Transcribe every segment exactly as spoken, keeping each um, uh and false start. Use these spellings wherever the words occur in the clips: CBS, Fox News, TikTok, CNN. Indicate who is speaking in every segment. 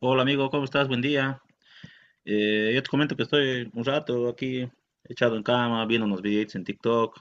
Speaker 1: Hola amigo, ¿cómo estás? Buen día. Eh, yo te comento que estoy un rato aquí echado en cama, viendo unos videitos en TikTok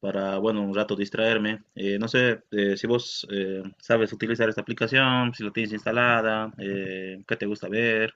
Speaker 1: para, bueno, un rato distraerme. Eh, no sé eh, si vos eh, sabes utilizar esta aplicación, si la tienes instalada, eh, qué te gusta ver.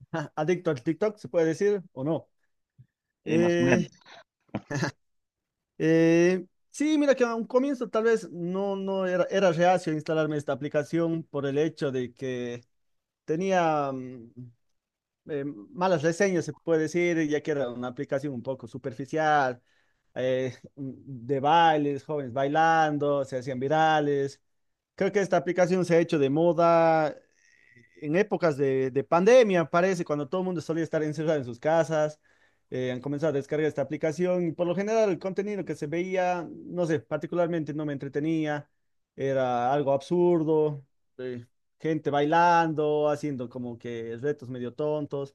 Speaker 2: Ah, adicto al TikTok, se puede decir o no.
Speaker 1: Eh, más o menos.
Speaker 2: Eh, eh, sí, mira que a un comienzo tal vez no, no era, era reacio a instalarme esta aplicación por el hecho de que tenía mm, eh, malas reseñas, se puede decir, ya que era una aplicación un poco superficial, eh, mm, de bailes, jóvenes bailando, se hacían virales. Creo que esta aplicación se ha hecho de moda eh, en épocas de, de pandemia, parece, cuando todo el mundo solía estar encerrado en sus casas. Eh, han comenzado a descargar esta aplicación, y por lo general el contenido que se veía, no sé, particularmente no me entretenía, era algo absurdo, eh, gente bailando, haciendo como que retos medio tontos.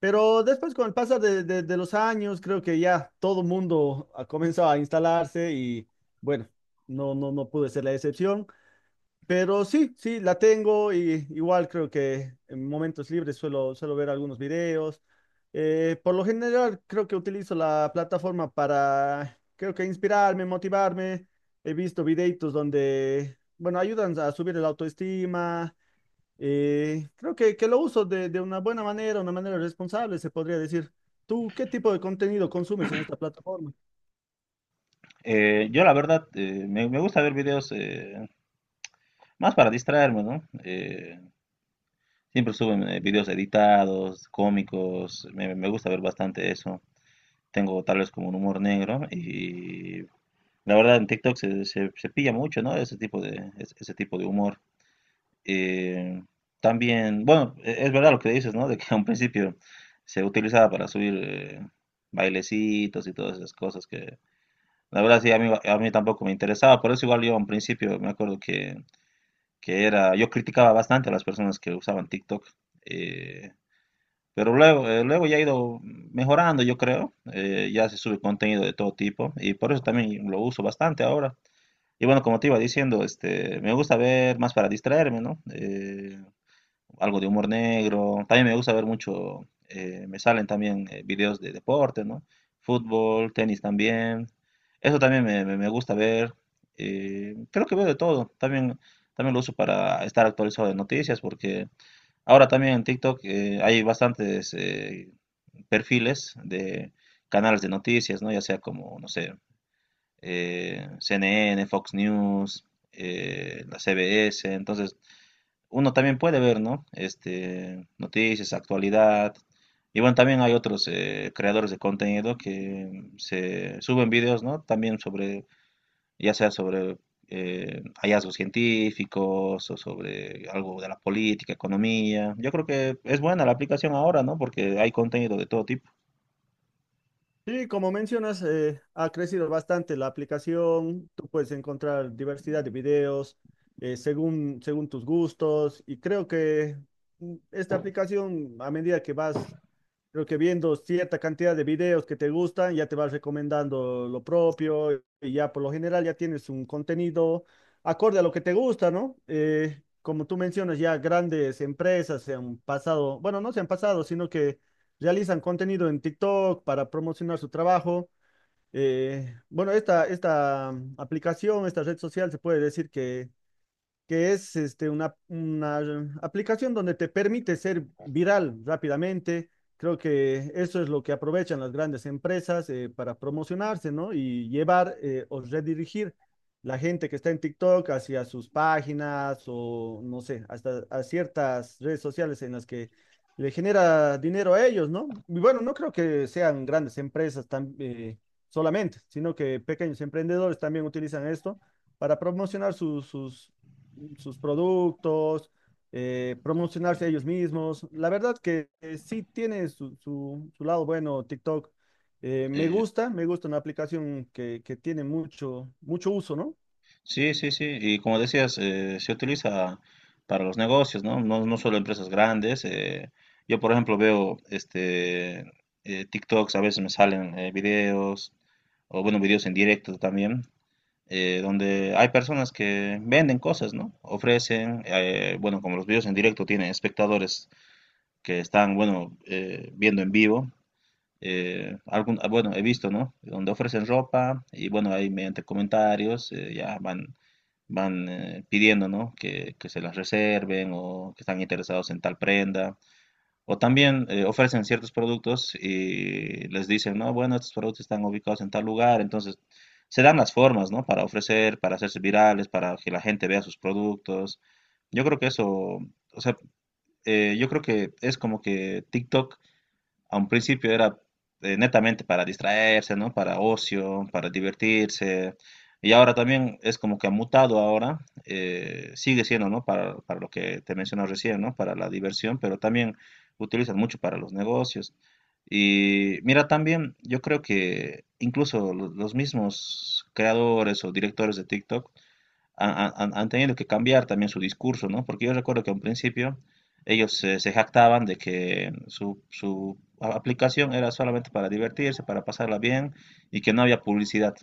Speaker 2: Pero después con el pasar de, de- de los años, creo que ya todo el mundo ha comenzado a instalarse y bueno, no, no, no pude ser la excepción. Pero sí, sí, la tengo, y igual creo que en momentos libres suelo, suelo ver algunos videos. Eh, por lo general creo que utilizo la plataforma para, creo que inspirarme, motivarme. He visto videitos donde, bueno, ayudan a subir el autoestima. Eh, creo que, que lo uso de, de una buena manera, una manera responsable, se podría decir. ¿Tú qué tipo de contenido consumes en esta plataforma?
Speaker 1: Eh, yo la verdad eh, me, me gusta ver videos eh, más para distraerme, ¿no? Eh, siempre suben eh, videos editados, cómicos, me, me gusta ver bastante eso. Tengo tal vez como un humor negro y la verdad, en TikTok se, se, se pilla mucho, ¿no? Ese tipo de, es- ese tipo de humor. Eh, También, bueno, e- es verdad lo que dices, ¿no? De que a un principio se utilizaba para subir eh, bailecitos y todas esas cosas que, la verdad, sí, a mí, a mí tampoco me interesaba. Por eso igual yo a un principio me acuerdo que, que era, yo criticaba bastante a las personas que usaban TikTok. eh, pero luego, eh, luego ya ha ido mejorando, yo creo. Eh, ya se sube contenido de todo tipo y por eso también lo uso bastante ahora. Y bueno, como te iba diciendo, este, me gusta ver más para distraerme, ¿no? Eh, algo de humor negro. También me gusta ver mucho, eh, me salen también eh, videos de deporte, ¿no? Fútbol, tenis también. Eso también me, me- me gusta ver. Eh, creo que veo de todo. También, también lo uso para estar actualizado de noticias, porque ahora también en TikTok eh, hay bastantes eh, perfiles de canales de noticias, ¿no? Ya sea como, no sé, eh, C N N, Fox News, eh, la C B S, entonces uno también puede ver, ¿no? Este, noticias, actualidad. Y bueno, también hay otros eh, creadores de contenido que se suben videos, ¿no? También sobre, ya sea sobre eh, hallazgos científicos o sobre algo de la política, economía. Yo creo que es buena la aplicación ahora, ¿no? Porque hay contenido de todo tipo.
Speaker 2: Sí, como mencionas, eh, ha crecido bastante la aplicación. Tú puedes encontrar diversidad de videos eh, según, según tus gustos, y creo que mm, esta aplicación, a medida que vas, creo que viendo cierta cantidad de videos que te gustan, ya te vas recomendando lo propio, y ya por lo general ya tienes un contenido acorde a lo que te gusta, ¿no? Eh, como tú mencionas, ya grandes empresas se han pasado, bueno, no se han pasado, sino que realizan contenido en TikTok para promocionar su trabajo. Eh, bueno, esta, esta mm, aplicación, esta red social, se puede decir que que es este, una, una aplicación donde te permite ser viral rápidamente. Creo que eso es lo que aprovechan las grandes empresas eh, para promocionarse, ¿no? Y llevar eh, o redirigir la gente que está en TikTok hacia sus páginas o, no sé, hasta a ciertas redes sociales en las que le genera dinero a ellos, ¿no? Y bueno, no creo que sean grandes empresas tan, eh, solamente, sino que pequeños emprendedores también utilizan esto para promocionar sus, sus sus productos, eh, promocionarse ellos mismos. La verdad que eh, sí tiene su, su- su lado bueno TikTok. Eh, me
Speaker 1: Eh,
Speaker 2: gusta, me gusta una aplicación que, que tiene mucho, mucho uso, ¿no?
Speaker 1: Sí, sí, sí. Y como decías, eh, se utiliza para los negocios, ¿no? No, no solo empresas grandes. Eh, yo, por ejemplo, veo este eh, TikToks, a veces me salen eh, videos, o bueno, videos en directo también, eh, donde hay personas que venden cosas, ¿no? Ofrecen, eh, bueno, como los videos en directo tienen espectadores que están, bueno, eh, viendo en vivo. Eh, algún, ah, bueno, he visto, ¿no? Donde ofrecen ropa y bueno, ahí mediante comentarios eh, ya van van eh, pidiendo, ¿no? Que, que se las reserven o que están interesados en tal prenda. O también eh, ofrecen ciertos productos y les dicen, no, bueno, estos productos están ubicados en tal lugar. Entonces, se dan las formas, ¿no? Para ofrecer, para hacerse virales, para que la gente vea sus productos. Yo creo que eso, o sea, eh, yo creo que es como que TikTok a un principio era eh, netamente para distraerse, ¿no? Para ocio, para divertirse. Y ahora también es como que ha mutado ahora, eh, sigue siendo, ¿no? Para, para lo que te mencioné recién, ¿no? Para la diversión, pero también utilizan mucho para los negocios. Y mira, también yo creo que incluso lo- los mismos creadores o directores de TikTok han, han- han tenido que cambiar también su discurso, ¿no? Porque yo recuerdo que a un principio ellos se, se jactaban de que su, su a- aplicación era solamente para divertirse, para pasarla bien y que no había publicidad.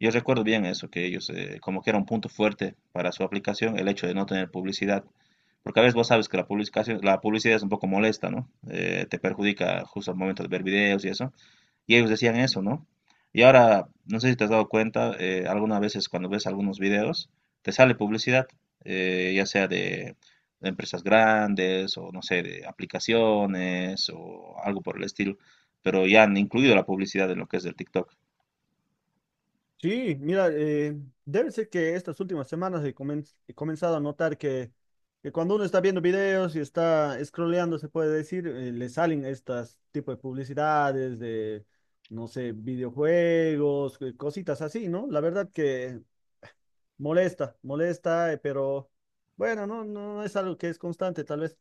Speaker 1: Yo recuerdo bien eso, que ellos, eh, como que era un punto fuerte para su aplicación, el hecho de no tener publicidad. Porque a veces vos sabes que la publicación, la publicidad es un poco molesta, ¿no? Eh, te perjudica justo al momento de ver videos y eso. Y ellos decían eso, ¿no? Y ahora, no sé si te has dado cuenta, eh, algunas veces cuando ves algunos videos, te sale publicidad, eh, ya sea de, de empresas grandes o, no sé, de aplicaciones o algo por el estilo, pero ya han incluido la publicidad en lo que es el TikTok.
Speaker 2: Sí, mira, eh, debe ser que estas últimas semanas he, comen- he comenzado a notar que, que cuando uno está viendo videos y está scrolleando, se puede decir, eh, le salen estas tipo de publicidades de, no sé, videojuegos, eh, cositas así, ¿no? La verdad que molesta, molesta, eh, pero bueno, no, no es algo que es constante, tal vez.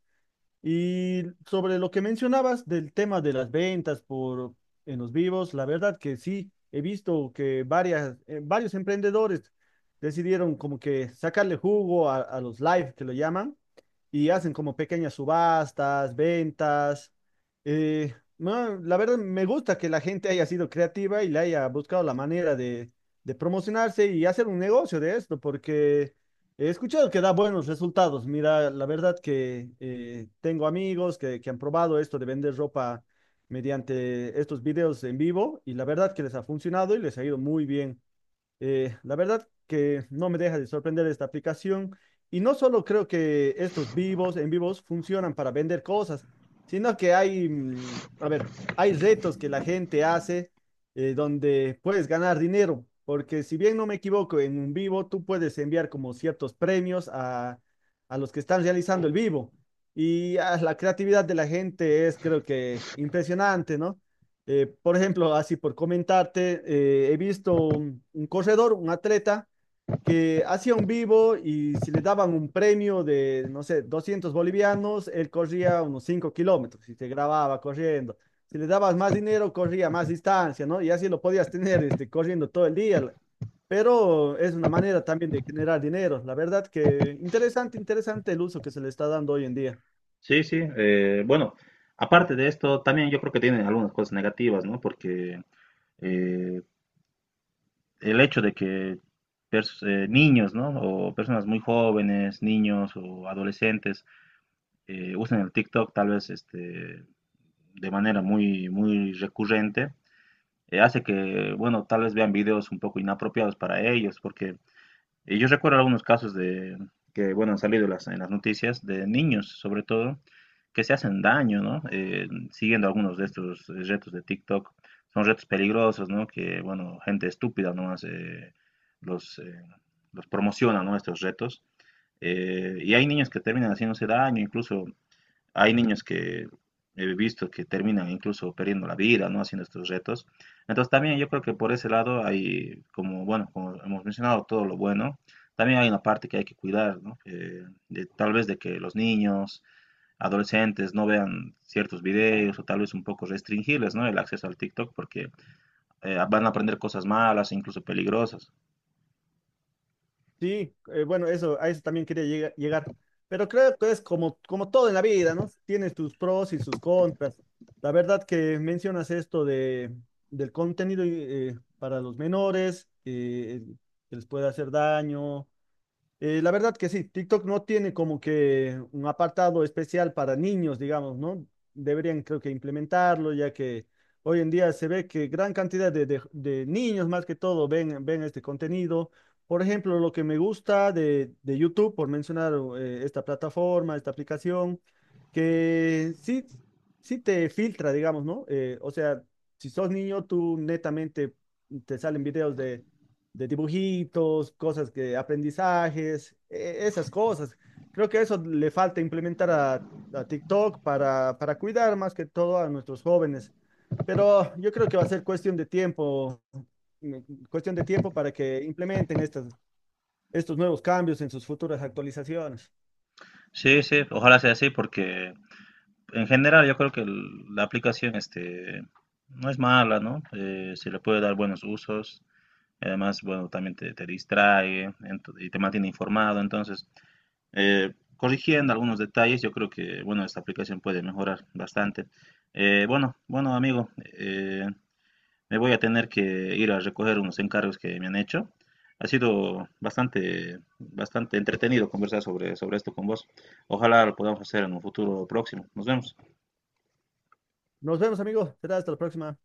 Speaker 2: Y sobre lo que mencionabas del tema de las ventas por en los vivos, la verdad que sí, he visto que varias, eh, varios emprendedores decidieron como que sacarle jugo a, a los live, que lo llaman, y hacen como pequeñas subastas, ventas. Eh, no, la verdad me gusta que la gente haya sido creativa y le haya buscado la manera de, de promocionarse y hacer un negocio de esto, porque he escuchado que da buenos resultados. Mira, la verdad que eh, tengo amigos que, que han probado esto de vender ropa mediante estos videos en vivo, y la verdad que les ha funcionado y les ha ido muy bien. Eh, la verdad que no me deja de sorprender esta aplicación, y no solo creo que estos vivos en vivos funcionan para vender cosas, sino que hay, mm, a ver, hay retos que la gente hace eh, donde puedes ganar dinero, porque si bien no me equivoco, en un vivo tú puedes enviar como ciertos premios a, a los que están realizando el vivo. Y ah, la creatividad de la gente es creo que impresionante, ¿no? Eh, por ejemplo, así por comentarte, eh, he visto un, un corredor, un atleta, que hacía un vivo, y si le daban un premio de, no sé, doscientos bolivianos, él corría unos cinco kilómetros y te grababa corriendo. Si le dabas más dinero, corría más distancia, ¿no? Y así lo podías tener, este, corriendo todo el día. Pero es una manera también de generar dinero. La verdad que interesante, interesante el uso que se le está dando hoy en día.
Speaker 1: Sí, sí. Eh, bueno, aparte de esto, también yo creo que tiene algunas cosas negativas, ¿no? Porque eh, el hecho de que pers- eh, niños, ¿no? O personas muy jóvenes, niños o adolescentes eh, usan el TikTok tal vez este, de manera muy, muy recurrente, eh, hace que, bueno, tal vez vean videos un poco inapropiados para ellos, porque eh, yo recuerdo algunos casos de que, bueno, han salido en las, en las noticias de niños, sobre todo, que se hacen daño, ¿no? Eh, siguiendo algunos de estos eh, retos de TikTok. Son retos peligrosos, ¿no? Que, bueno, gente estúpida nomás eh, los, eh, los promociona, ¿no? Estos retos. Eh, y hay niños que terminan haciéndose daño, incluso hay niños que he visto que terminan incluso perdiendo la vida, ¿no? Haciendo estos retos. Entonces también yo creo que por ese lado hay, como, bueno, como hemos mencionado, todo lo bueno. También hay una parte que hay que cuidar, ¿no? Eh, de- tal vez de que los niños, adolescentes no vean ciertos videos o tal vez un poco restringirles, ¿no? El acceso al TikTok porque eh, van a aprender cosas malas, incluso peligrosas.
Speaker 2: Sí, eh, bueno, eso, a eso también quería llega- llegar. Pero creo que es como, como todo en la vida, ¿no? Tienes tus pros y sus contras. La verdad que mencionas esto de, del contenido eh, para los menores, eh, que les puede hacer daño, eh, la verdad que sí, TikTok no tiene como que un apartado especial para niños, digamos, ¿no? Deberían creo que implementarlo, ya que hoy en día se ve que gran cantidad de, de- de niños más que todo ven, ven este contenido. Por ejemplo, lo que me gusta de, de YouTube, por mencionar eh, esta plataforma, esta aplicación, que sí, sí te filtra, digamos, ¿no? Eh, o sea, si sos niño, tú netamente te salen videos de de dibujitos, cosas que aprendizajes, e- esas cosas. Creo que eso le falta implementar a, a TikTok para, para cuidar más que todo a nuestros jóvenes. Pero yo creo que va a ser cuestión de tiempo, mm, cuestión de tiempo para que implementen estas, estos nuevos cambios en sus futuras actualizaciones.
Speaker 1: Sí, sí, ojalá sea así porque en general yo creo que el- la aplicación este, no es mala, ¿no? Eh, se le puede dar buenos usos. Y además, bueno, también te, te distrae ento- y te mantiene informado. Entonces, eh, corrigiendo algunos detalles, yo creo que, bueno, esta aplicación puede mejorar bastante. Eh, bueno, bueno, amigo, eh, me voy a tener que ir a recoger unos encargos que me han hecho. Ha sido bastante, bastante entretenido conversar sobre, sobre esto con vos. Ojalá lo podamos hacer en un futuro próximo. Nos vemos.
Speaker 2: Nos vemos, amigos. Será hasta la próxima.